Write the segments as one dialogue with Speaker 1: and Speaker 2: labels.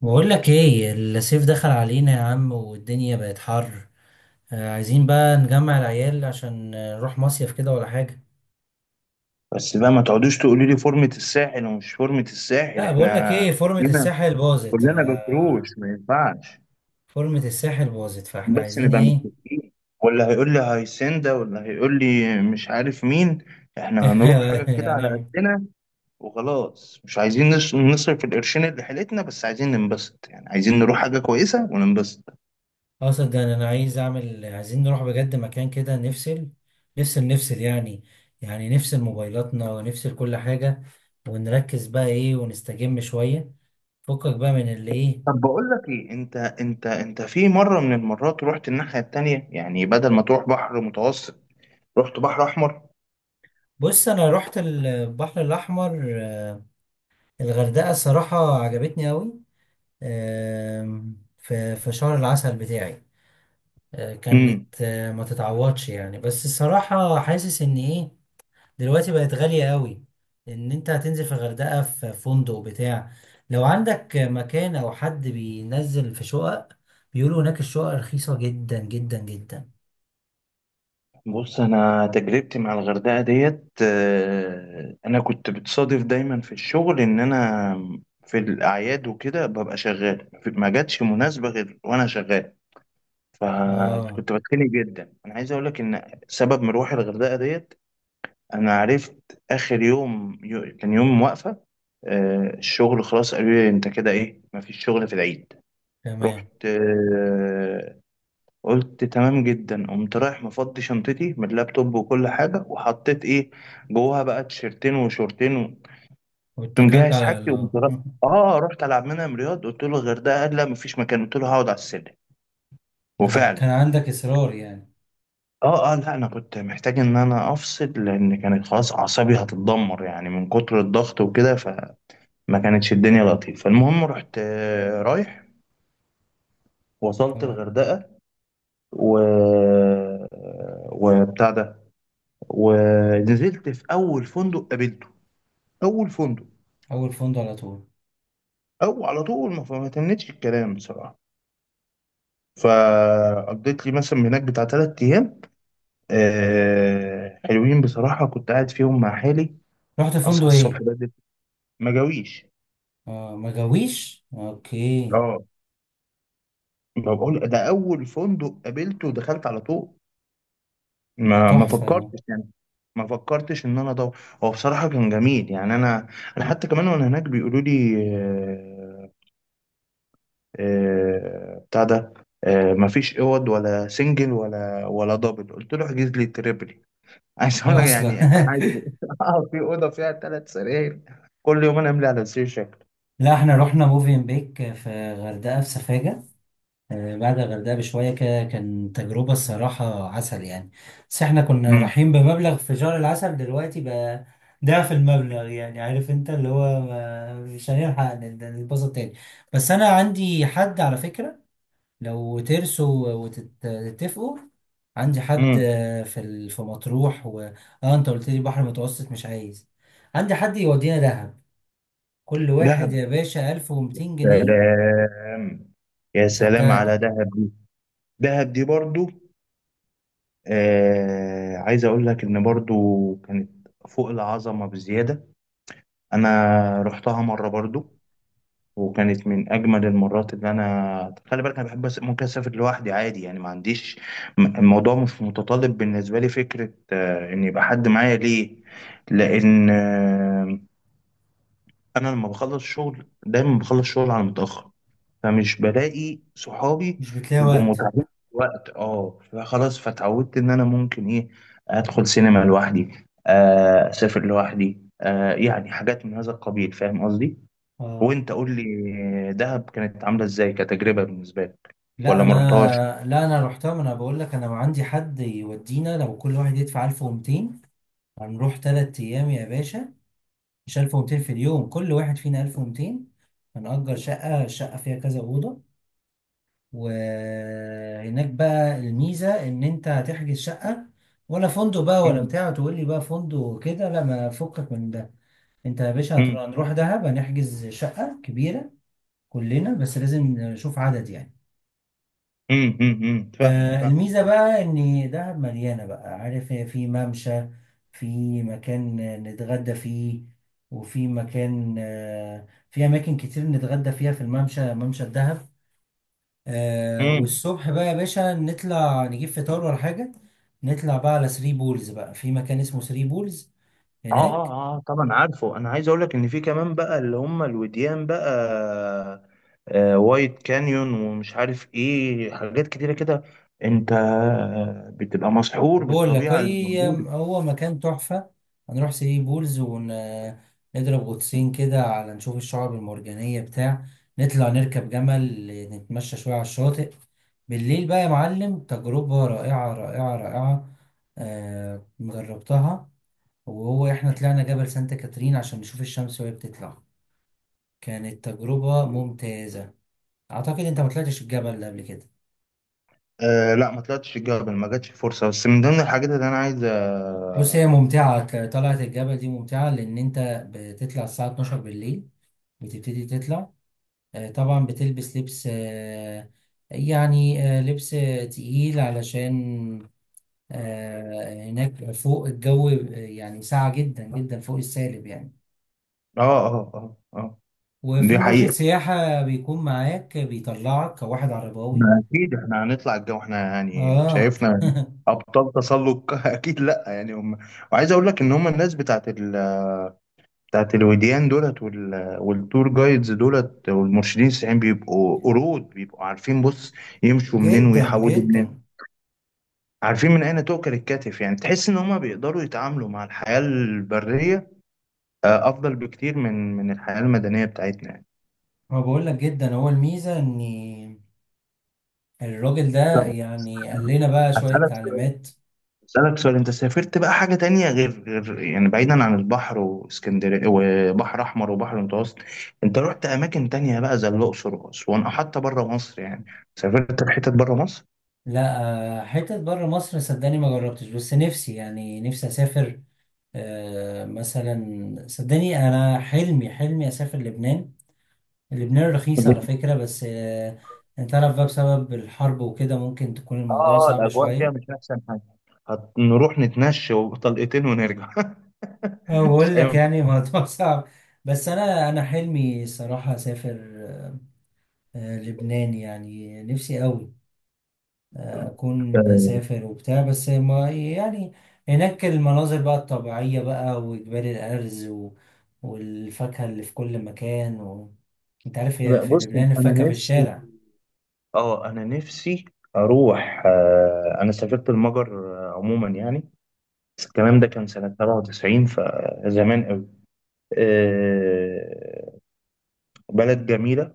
Speaker 1: بقول لك ايه، الصيف دخل علينا يا عم والدنيا بقت حر. عايزين بقى نجمع العيال عشان نروح مصيف كده ولا حاجة.
Speaker 2: بس بقى ما تقعدوش تقولوا لي فورمة الساحل ومش فورمة الساحل.
Speaker 1: لا بقول لك
Speaker 2: احنا
Speaker 1: ايه، فورمة
Speaker 2: كلنا
Speaker 1: الساحل باظت ف
Speaker 2: كلنا بكروش، ما ينفعش.
Speaker 1: فورمة الساحل باظت فاحنا
Speaker 2: بس
Speaker 1: عايزين
Speaker 2: نبقى
Speaker 1: ايه؟
Speaker 2: متفقين، ولا هيقول لي هيسندا ولا هيقول لي مش عارف مين. احنا هنروح حاجة كده
Speaker 1: يعني
Speaker 2: على
Speaker 1: نعمل.
Speaker 2: قدنا، وخلاص مش عايزين نصرف القرشين اللي حيلتنا، بس عايزين ننبسط، يعني عايزين نروح حاجة كويسة وننبسط.
Speaker 1: اقصد ده أنا عايز اعمل، عايزين نروح بجد مكان كده نفصل. نفصل يعني. يعني نفصل موبايلاتنا ونفصل كل حاجة، ونركز بقى ايه ونستجم شوية. فكك بقى من اللي ايه.
Speaker 2: طب بقول لك ايه، انت في مرة من المرات رحت الناحية التانية، يعني بدل ما تروح بحر متوسط رحت بحر احمر.
Speaker 1: بص انا رحت البحر الاحمر. الغردقه الصراحه عجبتني قوي، في شهر العسل بتاعي. كانت ما تتعوضش يعني، بس الصراحه حاسس ان ايه، دلوقتي بقت غاليه قوي. ان انت هتنزل في الغردقه في فندق بتاع، لو عندك مكان او حد بينزل في شقق، بيقولوا هناك الشقق رخيصه جدا جدا جدا.
Speaker 2: بص، انا تجربتي مع الغردقه ديت، انا كنت بتصادف دايما في الشغل ان انا في الاعياد وكده ببقى شغال، ما جاتش مناسبه غير وانا شغال،
Speaker 1: اه،
Speaker 2: فكنت بتخنق جدا. انا عايز اقول لك ان سبب مروحي الغردقه ديت، انا عرفت اخر يوم، كان يوم واقفه الشغل، خلاص، قالوا لي انت كده ايه، ما فيش شغل في العيد.
Speaker 1: تمام.
Speaker 2: رحت، قلت تمام جدا، قمت رايح مفضي شنطتي من اللابتوب وكل حاجة، وحطيت ايه جواها بقى، تيشرتين وشورتين قمت
Speaker 1: واتكلت
Speaker 2: مجهز
Speaker 1: على
Speaker 2: حاجتي، وقمت
Speaker 1: الله.
Speaker 2: رحت العب منها من رياض. قلت له الغردقة، قال لا مفيش مكان، قلت له هقعد على السلم.
Speaker 1: كان
Speaker 2: وفعلا،
Speaker 1: عندك اصرار يعني.
Speaker 2: اه، اه، لا انا كنت محتاج ان انا افصل، لان كانت خلاص اعصابي هتتدمر يعني من كتر الضغط وكده، فما كانتش الدنيا لطيفة. فالمهم رحت، رايح، وصلت
Speaker 1: اه،
Speaker 2: الغردقة و وبتاع ده، ونزلت في اول فندق قابلته. اول فندق،
Speaker 1: اول فندق على طول.
Speaker 2: او على طول، ما تمتش الكلام بصراحه. فقضيت لي مثلا هناك بتاع تلات ايام، حلوين بصراحه، كنت قاعد فيهم مع حالي،
Speaker 1: رحت فندق
Speaker 2: اصحى الصبح
Speaker 1: ايه؟
Speaker 2: بدري، ما جاويش.
Speaker 1: اه ما جاويش، اوكي.
Speaker 2: اه، ما بقول، ده اول فندق قابلته ودخلت على طول،
Speaker 1: ده
Speaker 2: ما
Speaker 1: تحفه ده.
Speaker 2: فكرتش يعني، ما فكرتش ان انا ادور. هو بصراحه كان جميل يعني، انا حتى كمان وانا هناك بيقولوا لي بتاع ده، مفيش اوض ولا سنجل ولا دبل، قلت له احجز لي تريبل. عايز اقول لك
Speaker 1: اصلا.
Speaker 2: يعني عايز، اه في اوضه فيها ثلاث سراير، كل يوم انا املي على سرير شكل.
Speaker 1: لا احنا رحنا موفين بيك في غردقه في سفاجه، بعد الغردقه بشويه كده، كان تجربه الصراحه عسل يعني. بس احنا كنا
Speaker 2: امم.
Speaker 1: رايحين بمبلغ في شهر العسل، دلوقتي بقى ضعف المبلغ يعني. عارف انت اللي هو مش هنلحق نتبسط تاني. بس انا عندي حد على فكره، لو ترسوا وتتفقوا. عندي حد
Speaker 2: امم.
Speaker 1: في في مطروح و... اه انت قلت لي بحر متوسط مش عايز. عندي حد يودينا دهب، كل واحد
Speaker 2: دهب.
Speaker 1: يا باشا 1200 جنيه.
Speaker 2: سلام. يا سلام على
Speaker 1: صدقني.
Speaker 2: دهب دي. دهب دي برضو، عايز اقول لك ان برضو كانت فوق العظمه بزياده. انا رحتها مره برضو، وكانت من اجمل المرات اللي انا خلي بالك، انا بحب ممكن اسافر لوحدي عادي يعني، ما عنديش الموضوع مش متطلب بالنسبه لي فكره ان يبقى حد معايا ليه. لان انا لما بخلص شغل دايما بخلص شغل على متاخر، فمش بلاقي صحابي،
Speaker 1: مش بتلاقي
Speaker 2: يبقوا
Speaker 1: وقت.
Speaker 2: متعبين في الوقت. اه فخلاص، فتعودت ان انا ممكن ايه ادخل سينما لوحدي، اسافر لوحدي، يعني حاجات من هذا القبيل، فاهم قصدي.
Speaker 1: اه،
Speaker 2: وانت قول لي، دهب كانت عامله ازاي كتجربه بالنسبه لك،
Speaker 1: لا
Speaker 2: ولا
Speaker 1: انا.
Speaker 2: ما رحتهاش؟
Speaker 1: لا انا رحتها، ما انا بقول لك انا عندي حد يودينا، لو كل واحد يدفع 1200 هنروح 3 ايام يا باشا، مش 1200 في اليوم، كل واحد فينا 1200. هنأجر شقة، الشقة فيها كذا أوضة. وهناك بقى الميزة إن أنت هتحجز شقة ولا فندق بقى ولا
Speaker 2: مم.
Speaker 1: بتاع، تقول لي بقى فندق كده لا، ما فكك من ده. أنت يا باشا هتروح-
Speaker 2: مم.
Speaker 1: هنروح دهب، هنحجز شقة كبيرة كلنا، بس لازم نشوف عدد يعني.
Speaker 2: مم. مم. مم. فاهمك،
Speaker 1: آه، الميزة
Speaker 2: فاهمك.
Speaker 1: بقى إن دهب مليانة بقى، عارف هي في ممشى، في مكان نتغدى فيه، وفي مكان آه في أماكن كتير نتغدى فيها في الممشى، ممشى الدهب. آه
Speaker 2: مم.
Speaker 1: والصبح بقى يا باشا نطلع نجيب فطار ولا حاجة، نطلع بقى على ثري بولز، بقى في مكان اسمه ثري بولز
Speaker 2: اه،
Speaker 1: هناك.
Speaker 2: اه، اه، طبعا عارفه. انا عايز اقول لك ان في كمان بقى اللي هم الوديان بقى، وايت كانيون ومش عارف ايه، حاجات كتيره كده. انت بتبقى مسحور
Speaker 1: بقول لك
Speaker 2: بالطبيعه اللي
Speaker 1: هي
Speaker 2: موجوده.
Speaker 1: هو مكان تحفة. هنروح ثري بولز ونضرب غطسين كده على نشوف الشعاب المرجانية بتاع، نطلع نركب جمل، نتمشى شوية على الشاطئ. بالليل بقى يا معلم تجربة رائعة رائعة رائعة. آه جربتها. وهو احنا طلعنا جبل سانتا كاترين عشان نشوف الشمس وهي بتطلع، كانت تجربة ممتازة. أعتقد أنت ما طلعتش الجبل ده قبل كده.
Speaker 2: آه، لا، ما طلعتش الجبل، ما جاتش الفرصه، بس من ضمن الحاجات اللي انا عايز.
Speaker 1: بص هي
Speaker 2: اه.
Speaker 1: ممتعة، طلعة الجبل دي ممتعة، لأن أنت بتطلع الساعة 12 بالليل، بتبتدي تطلع. طبعا بتلبس لبس، يعني لبس تقيل، علشان هناك فوق الجو يعني ساقع جدا جدا فوق السالب يعني.
Speaker 2: اه. اه, آه. آه،
Speaker 1: وفي
Speaker 2: دي
Speaker 1: مرشد
Speaker 2: حقيقة.
Speaker 1: سياحة بيكون معاك، بيطلعك كواحد عرباوي.
Speaker 2: ما اكيد احنا هنطلع الجو، احنا يعني
Speaker 1: آه
Speaker 2: شايفنا ابطال تسلق اكيد لا يعني هم. وعايز اقول لك ان هم، الناس بتاعت بتاعت الوديان دولت والتور جايدز دولت، والمرشدين السياحيين بيبقوا قرود، بيبقوا عارفين بص، يمشوا منين
Speaker 1: جدا
Speaker 2: ويحودوا منين،
Speaker 1: جدا.
Speaker 2: عارفين من اين تؤكل الكتف، يعني تحس ان هم بيقدروا يتعاملوا مع الحياة البرية، افضل بكتير من الحياة المدنية بتاعتنا يعني.
Speaker 1: ما بقول لك جدا، هو الميزه ان الراجل ده
Speaker 2: طب
Speaker 1: يعني قال لنا بقى شويه
Speaker 2: هسألك
Speaker 1: تعليمات.
Speaker 2: أسألك سؤال، أنت سافرت بقى حاجة تانية غير يعني، بعيدا عن البحر واسكندرية وبحر أحمر وبحر المتوسط، أنت رحت أماكن تانية بقى زي الأقصر وأسوان أو حتى بره مصر يعني، سافرت في حتت بره مصر؟
Speaker 1: لا، حتت بره مصر صدقني ما جربتش، بس نفسي يعني نفسي اسافر. مثلا صدقني انا حلمي اسافر لبنان. لبنان رخيص على فكره، بس انت عارف بقى بسبب الحرب وكده ممكن تكون
Speaker 2: آه،
Speaker 1: الموضوع
Speaker 2: آه،
Speaker 1: صعب
Speaker 2: الأجواء فيها
Speaker 1: شويه.
Speaker 2: مش أحسن حاجة، هنروح نتمشى وطلقتين ونرجع
Speaker 1: أنا
Speaker 2: مش
Speaker 1: بقول لك
Speaker 2: هينفع.
Speaker 1: يعني الموضوع صعب. بس انا حلمي صراحه اسافر لبنان، يعني نفسي قوي. أكون بسافر وبتاع، بس ما يعني، هناك المناظر بقى الطبيعية بقى، وجبال الأرز و... والفاكهة اللي في كل مكان و... أنت عارف يا،
Speaker 2: لا،
Speaker 1: في
Speaker 2: بص،
Speaker 1: لبنان
Speaker 2: انا
Speaker 1: الفاكهة في
Speaker 2: نفسي
Speaker 1: الشارع.
Speaker 2: اه انا نفسي اروح، انا سافرت المجر، عموما يعني الكلام ده
Speaker 1: اه
Speaker 2: كان سنة 97، فزمان. آه، بلد جميلة،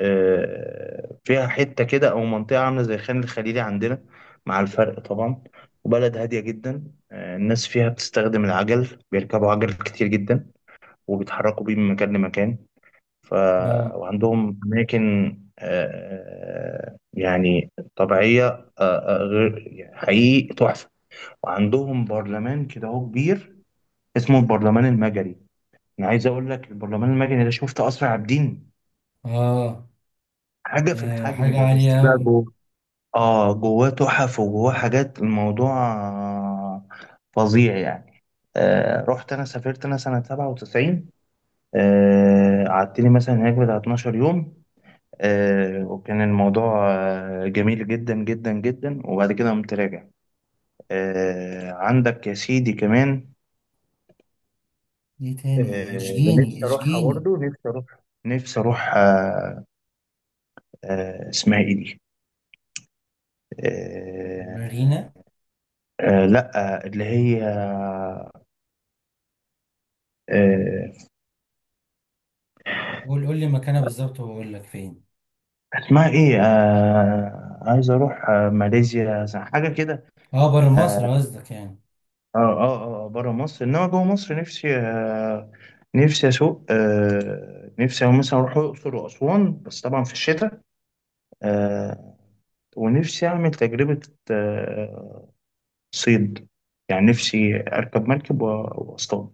Speaker 2: فيها حتة كده أو منطقة عاملة زي خان الخليلي عندنا، مع الفرق طبعا، وبلد هادية جدا. الناس فيها بتستخدم العجل، بيركبوا عجل كتير جدا، وبيتحركوا بيه من مكان لمكان. ف...
Speaker 1: اه
Speaker 2: وعندهم أماكن آه، يعني طبيعية غير يعني، حقيقي تحفة. وعندهم برلمان كده هو كبير، اسمه البرلمان المجري. أنا عايز أقول لك البرلمان المجري ده، شفت أسرع عابدين
Speaker 1: اه.
Speaker 2: حاجة في
Speaker 1: آه،
Speaker 2: الحجم
Speaker 1: حاجة
Speaker 2: ده، بس
Speaker 1: عالية
Speaker 2: بقى
Speaker 1: أوي.
Speaker 2: جوه، اه، جواه تحف وجواه حاجات، الموضوع فظيع يعني. رحت انا سافرت انا سنة 97، قعدت لي مثلا هناك بتاع 12 يوم، وكان الموضوع جميل جدا جدا جدا، وبعد كده قمت راجع. عندك يا سيدي كمان،
Speaker 1: دي
Speaker 2: آه
Speaker 1: تاني
Speaker 2: اللي
Speaker 1: اشجيني
Speaker 2: نفسي اروحها
Speaker 1: اشجيني.
Speaker 2: برضو، نفسي اروح، اسمها ايه دي، آه
Speaker 1: مارينا.
Speaker 2: لا، اللي هي، آه،
Speaker 1: قول لي مكانها بالظبط وأقول لك فين.
Speaker 2: اسمها ايه، عايز اروح، ماليزيا حاجه كده.
Speaker 1: اه بره
Speaker 2: اه،
Speaker 1: مصر قصدك يعني.
Speaker 2: اه, اه, آه، بره مصر انما جوه مصر، نفسي، نفسي اسوق، نفسي مثلا اروح الاقصر واسوان، بس طبعا في الشتاء. آه ونفسي اعمل تجربه، آه صيد، يعني نفسي اركب مركب واصطاد.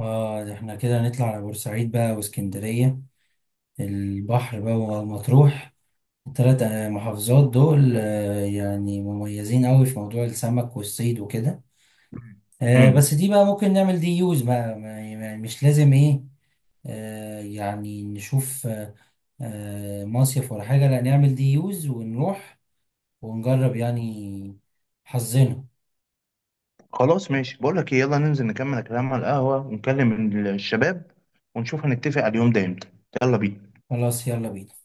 Speaker 1: اه، ده احنا كده نطلع على بورسعيد بقى واسكندرية، البحر بقى، ومطروح، التلات محافظات دول يعني مميزين قوي في موضوع السمك والصيد وكده.
Speaker 2: مم.
Speaker 1: بس دي بقى ممكن نعمل دي يوز بقى، مش لازم ايه. يعني نشوف مصيف ولا حاجة، لا نعمل دي يوز ونروح ونجرب يعني حظنا.
Speaker 2: خلاص، ماشي، بقول لك ايه، يلا ننزل نكمل الكلام على القهوة، ونكلم الشباب، ونشوف هنتفق على اليوم ده امتى. يلا بينا.
Speaker 1: خلاص، يلا بينا.